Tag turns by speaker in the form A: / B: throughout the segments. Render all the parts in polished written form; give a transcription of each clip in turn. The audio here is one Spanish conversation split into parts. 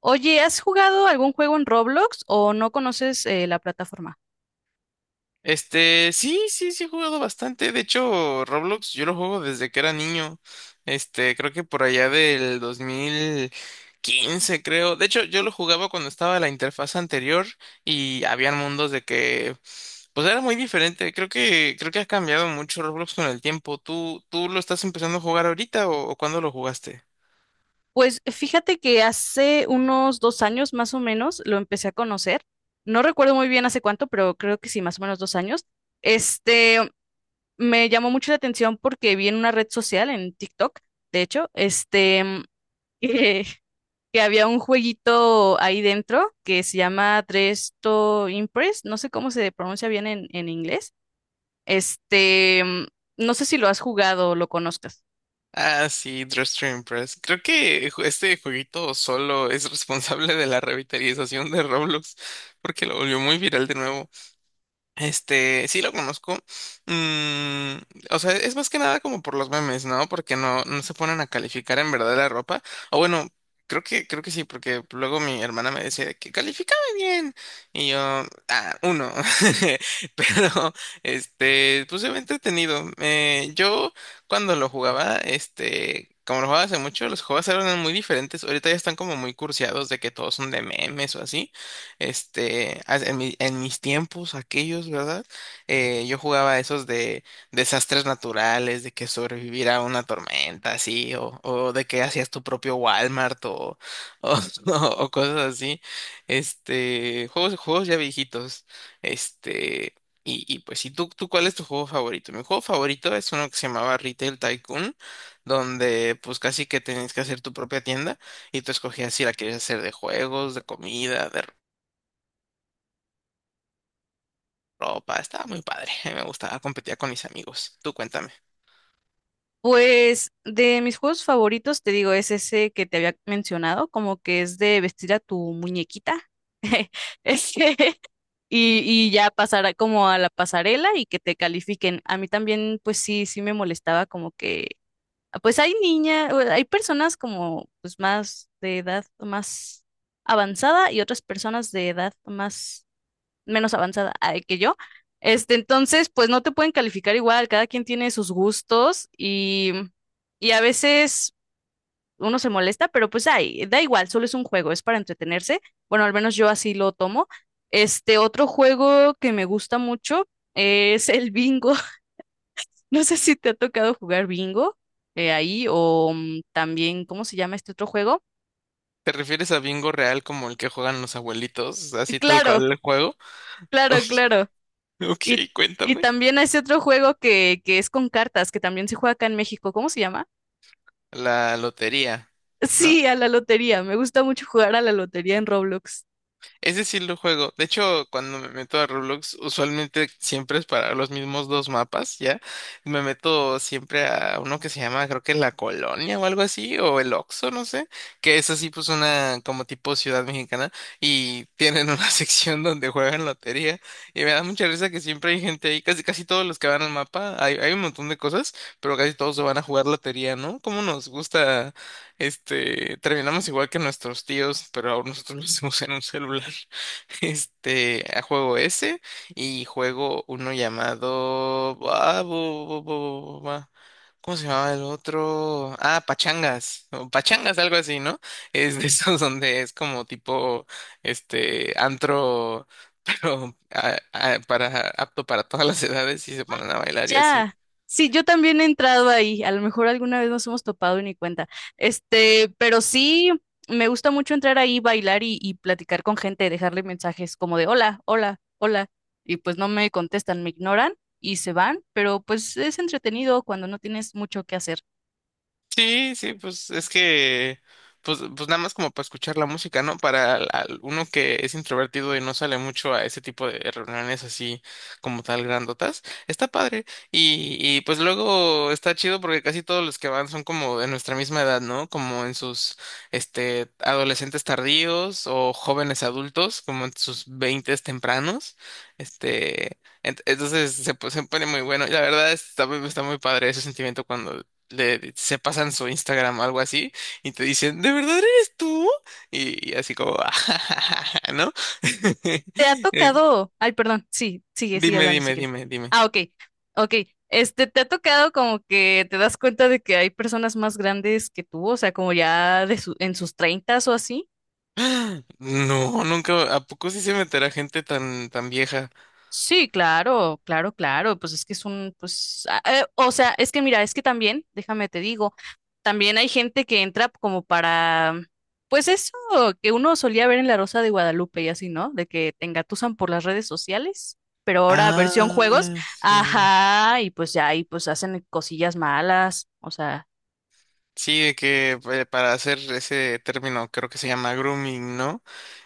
A: Oye, ¿has jugado algún juego en Roblox o no conoces la plataforma?
B: Sí, he jugado bastante. De hecho, Roblox yo lo juego desde que era niño. Creo que por allá del 2015, creo. De hecho, yo lo jugaba cuando estaba la interfaz anterior y habían mundos de que, pues era muy diferente. Creo que ha cambiado mucho Roblox con el tiempo. ¿Tú lo estás empezando a jugar ahorita o cuándo lo jugaste?
A: Pues fíjate que hace unos 2 años más o menos lo empecé a conocer. No recuerdo muy bien hace cuánto, pero creo que sí, más o menos 2 años. Este, Me llamó mucho la atención porque vi en una red social, en TikTok, de hecho, que, que había un jueguito ahí dentro que se llama Dresto Impress. No sé cómo se pronuncia bien en inglés. Este, mm, no sé si lo has jugado o lo conozcas.
B: Ah, sí, Dress to Impress. Creo que este jueguito solo es responsable de la revitalización de Roblox, porque lo volvió muy viral de nuevo. Sí lo conozco. Mm, o sea, es más que nada como por los memes, ¿no? Porque no se ponen a calificar en verdad la ropa. O bueno, creo que sí, porque luego mi hermana me decía de que califícame bien. Y yo, ah, uno. Pero, pues se ve entretenido. Yo cuando lo jugaba, Como lo jugaba hace mucho, los juegos eran muy diferentes. Ahorita ya están como muy cursiados de que todos son de memes o así. En mis tiempos, aquellos, ¿verdad? Yo jugaba esos de desastres naturales, de que sobrevivir a una tormenta, así, o de que hacías tu propio Walmart o o cosas así. Juegos ya viejitos. Este, y pues, ¿y tú, cuál es tu juego favorito? Mi juego favorito es uno que se llamaba Retail Tycoon, donde pues casi que tenías que hacer tu propia tienda. Y tú escogías si la querías hacer de juegos, de comida, de ropa. Estaba muy padre. A mí me gustaba, competía con mis amigos. Tú cuéntame.
A: Pues de mis juegos favoritos, te digo, es ese que te había mencionado, como que es de vestir a tu muñequita, ese, y ya como a la pasarela y que te califiquen. A mí también, pues sí, sí me molestaba ah, pues hay niñas, hay personas como pues más de edad más avanzada y otras personas de edad más menos avanzada ay, que yo. Entonces, pues no te pueden calificar igual, cada quien tiene sus gustos y a veces uno se molesta, pero pues ay, da igual, solo es un juego, es para entretenerse. Bueno, al menos yo así lo tomo. Otro juego que me gusta mucho es el bingo. No sé si te ha tocado jugar bingo ahí o también, ¿cómo se llama este otro juego?
B: ¿Te refieres a bingo real como el que juegan los abuelitos? Así tal
A: Claro,
B: cual el juego.
A: claro, claro. Y,
B: Ok,
A: y
B: cuéntame.
A: también hay ese otro juego que es con cartas, que también se juega acá en México. ¿Cómo se llama?
B: La lotería, ¿no?
A: Sí, a la lotería. Me gusta mucho jugar a la lotería en Roblox.
B: Ese sí lo juego. De hecho, cuando me meto a Roblox, usualmente siempre es para los mismos dos mapas, ¿ya? Me meto siempre a uno que se llama, creo que La Colonia o algo así, o el Oxxo, no sé, que es así pues una como tipo ciudad mexicana y tienen una sección donde juegan lotería y me da mucha risa que siempre hay gente ahí, casi casi todos los que van al mapa, hay un montón de cosas, pero casi todos se van a jugar lotería, ¿no? ¿Cómo nos gusta terminamos igual que nuestros tíos, pero ahora nosotros lo hacemos en un celular? A juego ese y juego uno llamado... ah, ¿cómo se llamaba el otro? Ah, pachangas, o pachangas, algo así, ¿no? Es de esos donde es como tipo, antro, pero apto para todas las edades y se ponen a bailar y así.
A: Ya. Sí, yo también he entrado ahí. A lo mejor alguna vez nos hemos topado y ni cuenta. Pero sí, me gusta mucho entrar ahí, bailar y platicar con gente, dejarle mensajes como de hola, hola, hola. Y pues no me contestan, me ignoran y se van, pero pues es entretenido cuando no tienes mucho que hacer.
B: Sí, sí, pues es que, pues, pues nada más como para escuchar la música, ¿no? Para uno que es introvertido y no sale mucho a ese tipo de reuniones así como tal grandotas, está padre. Y pues luego está chido porque casi todos los que van son como de nuestra misma edad, ¿no? Como adolescentes tardíos o jóvenes adultos, como en sus veintes tempranos, entonces se pone muy bueno. Y la verdad está muy padre ese sentimiento cuando le se pasan su Instagram, algo así, y te dicen, ¿de verdad eres tú? Y así como, ¿no?
A: ¿Te ha
B: Es-
A: tocado? Ay, perdón, sí, sigue, sigue
B: Dime,
A: hablando si
B: dime,
A: quieres.
B: dime, dime.
A: Ah, ok, ok. ¿Te ha tocado como que te das cuenta de que hay personas más grandes que tú, o sea, como ya en sus treintas o así?
B: ¡Ah! No, nunca, ¿a poco sí se meterá gente tan, tan vieja?
A: Sí, claro, claro, claro, pues es que es pues, o sea, es que mira, es que también, déjame te digo, también hay gente que entra pues eso que uno solía ver en La Rosa de Guadalupe y así, ¿no? De que te engatusan por las redes sociales, pero ahora versión juegos,
B: Ah, sí.
A: ajá, y pues ya ahí pues hacen cosillas malas, o sea.
B: Sí, de que para hacer ese término creo que se llama grooming, ¿no?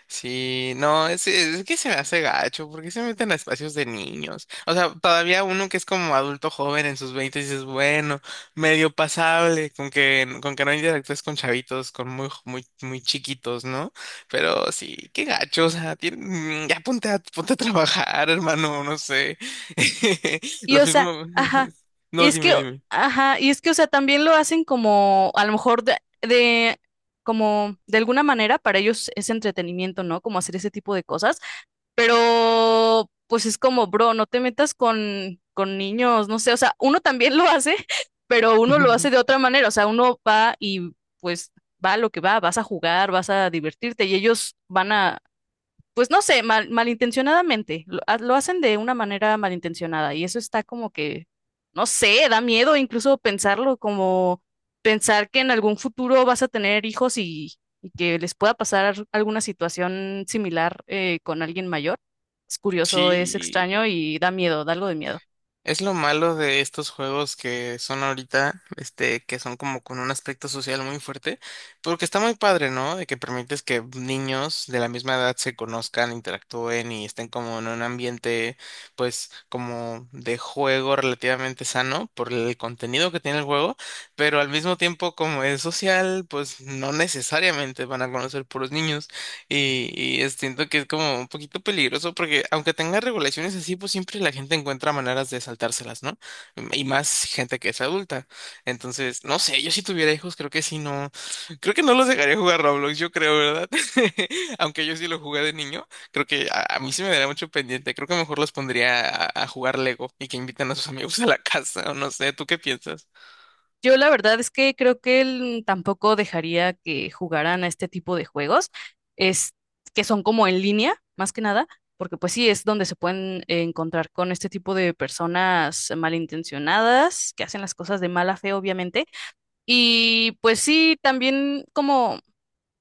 B: Sí, no, es que se me hace gacho, porque se meten a espacios de niños. O sea, todavía uno que es como adulto joven en sus 20 dices, bueno, medio pasable, con que no interactúes con chavitos, con muy, muy, muy chiquitos, ¿no? Pero sí, qué gacho, o sea, ya ponte ponte a trabajar, hermano, no sé.
A: Y
B: Lo
A: o sea,
B: mismo,
A: ajá, y
B: no,
A: es que,
B: dime.
A: ajá, y es que, o sea, también lo hacen como, a lo mejor como, de alguna manera para ellos es entretenimiento, ¿no? Como hacer ese tipo de cosas, pero pues es como, bro, no te metas con niños, no sé, o sea, uno también lo hace, pero uno lo hace de otra manera, o sea, uno va y pues va a lo que va, vas a jugar, vas a divertirte y ellos van a pues no sé, malintencionadamente, lo hacen de una manera malintencionada y eso está como que, no sé, da miedo incluso pensarlo, como pensar que en algún futuro vas a tener hijos y que les pueda pasar alguna situación similar con alguien mayor. Es curioso, es
B: Sí.
A: extraño y da miedo, da algo de miedo.
B: Es lo malo de estos juegos que son ahorita, que son como con un aspecto social muy fuerte, porque está muy padre, ¿no? De que permites que niños de la misma edad se conozcan, interactúen y estén como en un ambiente, pues, como de juego relativamente sano por el contenido que tiene el juego, pero al mismo tiempo como es social, pues no necesariamente van a conocer puros niños. Siento que es como un poquito peligroso porque aunque tenga regulaciones así, pues siempre la gente encuentra maneras de saltárselas, ¿no? Y más gente que es adulta. Entonces, no sé, yo si tuviera hijos creo que sí, no, creo que no los dejaría jugar Roblox, yo creo, ¿verdad? Aunque yo sí lo jugué de niño, creo que a mí se me daría mucho pendiente, creo que mejor los pondría a jugar Lego y que inviten a sus amigos a la casa, o no sé, ¿tú qué piensas?
A: Yo la verdad es que creo que él tampoco dejaría que jugaran a este tipo de juegos, es que son como en línea, más que nada, porque pues sí es donde se pueden encontrar con este tipo de personas malintencionadas, que hacen las cosas de mala fe, obviamente. Y pues sí, también como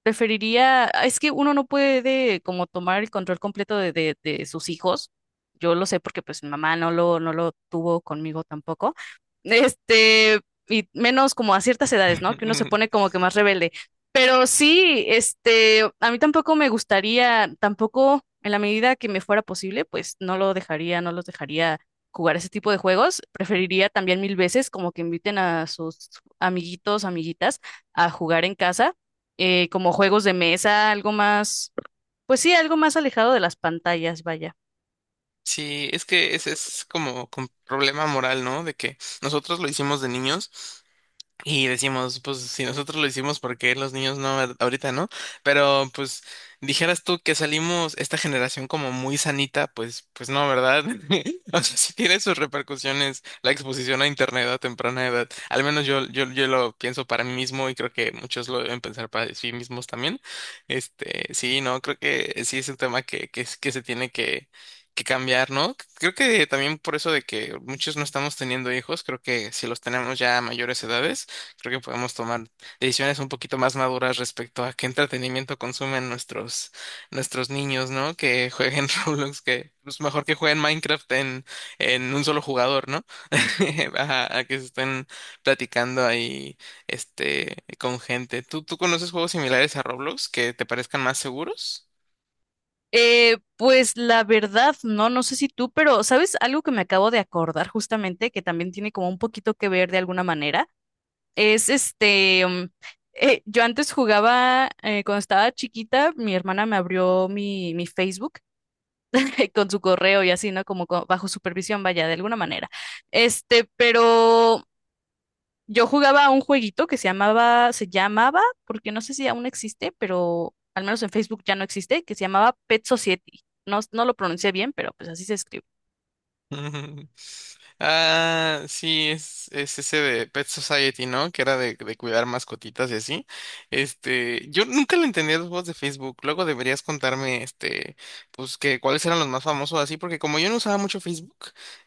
A: preferiría, ah, es que uno no puede como tomar el control completo de sus hijos. Yo lo sé porque pues mi mamá no lo tuvo conmigo tampoco. Este, y menos como a ciertas edades, ¿no? Que uno se pone como que más rebelde. Pero sí, a mí tampoco me gustaría, tampoco en la medida que me fuera posible, pues no los dejaría jugar ese tipo de juegos. Preferiría también mil veces como que inviten a sus amiguitos, amiguitas a jugar en casa como juegos de mesa, algo más, pues sí, algo más alejado de las pantallas, vaya.
B: Sí, es que ese es como un problema moral, ¿no? De que nosotros lo hicimos de niños. Y decimos, pues si nosotros lo hicimos, ¿por qué los niños no ahorita, no? Pero pues dijeras tú que salimos esta generación como muy sanita, pues pues no, ¿verdad? O sea, sí tiene sus repercusiones la exposición a internet a temprana edad. Al menos yo lo pienso para mí mismo y creo que muchos lo deben pensar para sí mismos también. Sí, no, creo que sí es un tema que que se tiene que cambiar, ¿no? Creo que también por eso de que muchos no estamos teniendo hijos, creo que si los tenemos ya a mayores edades, creo que podemos tomar decisiones un poquito más maduras respecto a qué entretenimiento consumen nuestros niños, ¿no? Que jueguen Roblox, que es mejor que jueguen Minecraft en un solo jugador, ¿no? A que se estén platicando ahí, con gente. ¿Tú conoces juegos similares a Roblox que te parezcan más seguros?
A: Pues la verdad, no, no sé si tú, pero ¿sabes algo que me acabo de acordar justamente, que también tiene como un poquito que ver de alguna manera? Es yo antes jugaba, cuando estaba chiquita, mi hermana me abrió mi Facebook con su correo y así, ¿no? Bajo supervisión, vaya, de alguna manera. Este, pero yo jugaba a un jueguito que se llamaba, porque no sé si aún existe, pero al menos en Facebook ya no existe, que se llamaba Pet Society. No, no lo pronuncié bien, pero pues así se escribe.
B: Ah, sí, es ese de Pet Society, ¿no? Que era de cuidar mascotitas y así. Yo nunca le entendí a los juegos de Facebook. Luego deberías contarme, pues que cuáles eran los más famosos así, porque como yo no usaba mucho Facebook,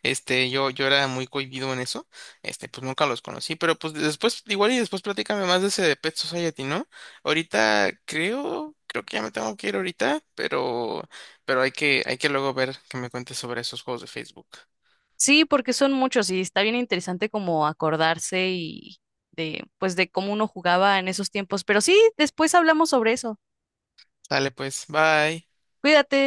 B: yo era muy cohibido en eso, pues nunca los conocí. Pero pues después, igual y después platícame más de ese de Pet Society, ¿no? Ahorita creo que ya me tengo que ir ahorita, pero, hay que luego ver que me cuentes sobre esos juegos de Facebook.
A: Sí, porque son muchos y está bien interesante como acordarse y de, pues de cómo uno jugaba en esos tiempos. Pero sí, después hablamos sobre eso.
B: Sale pues, bye.
A: Cuídate.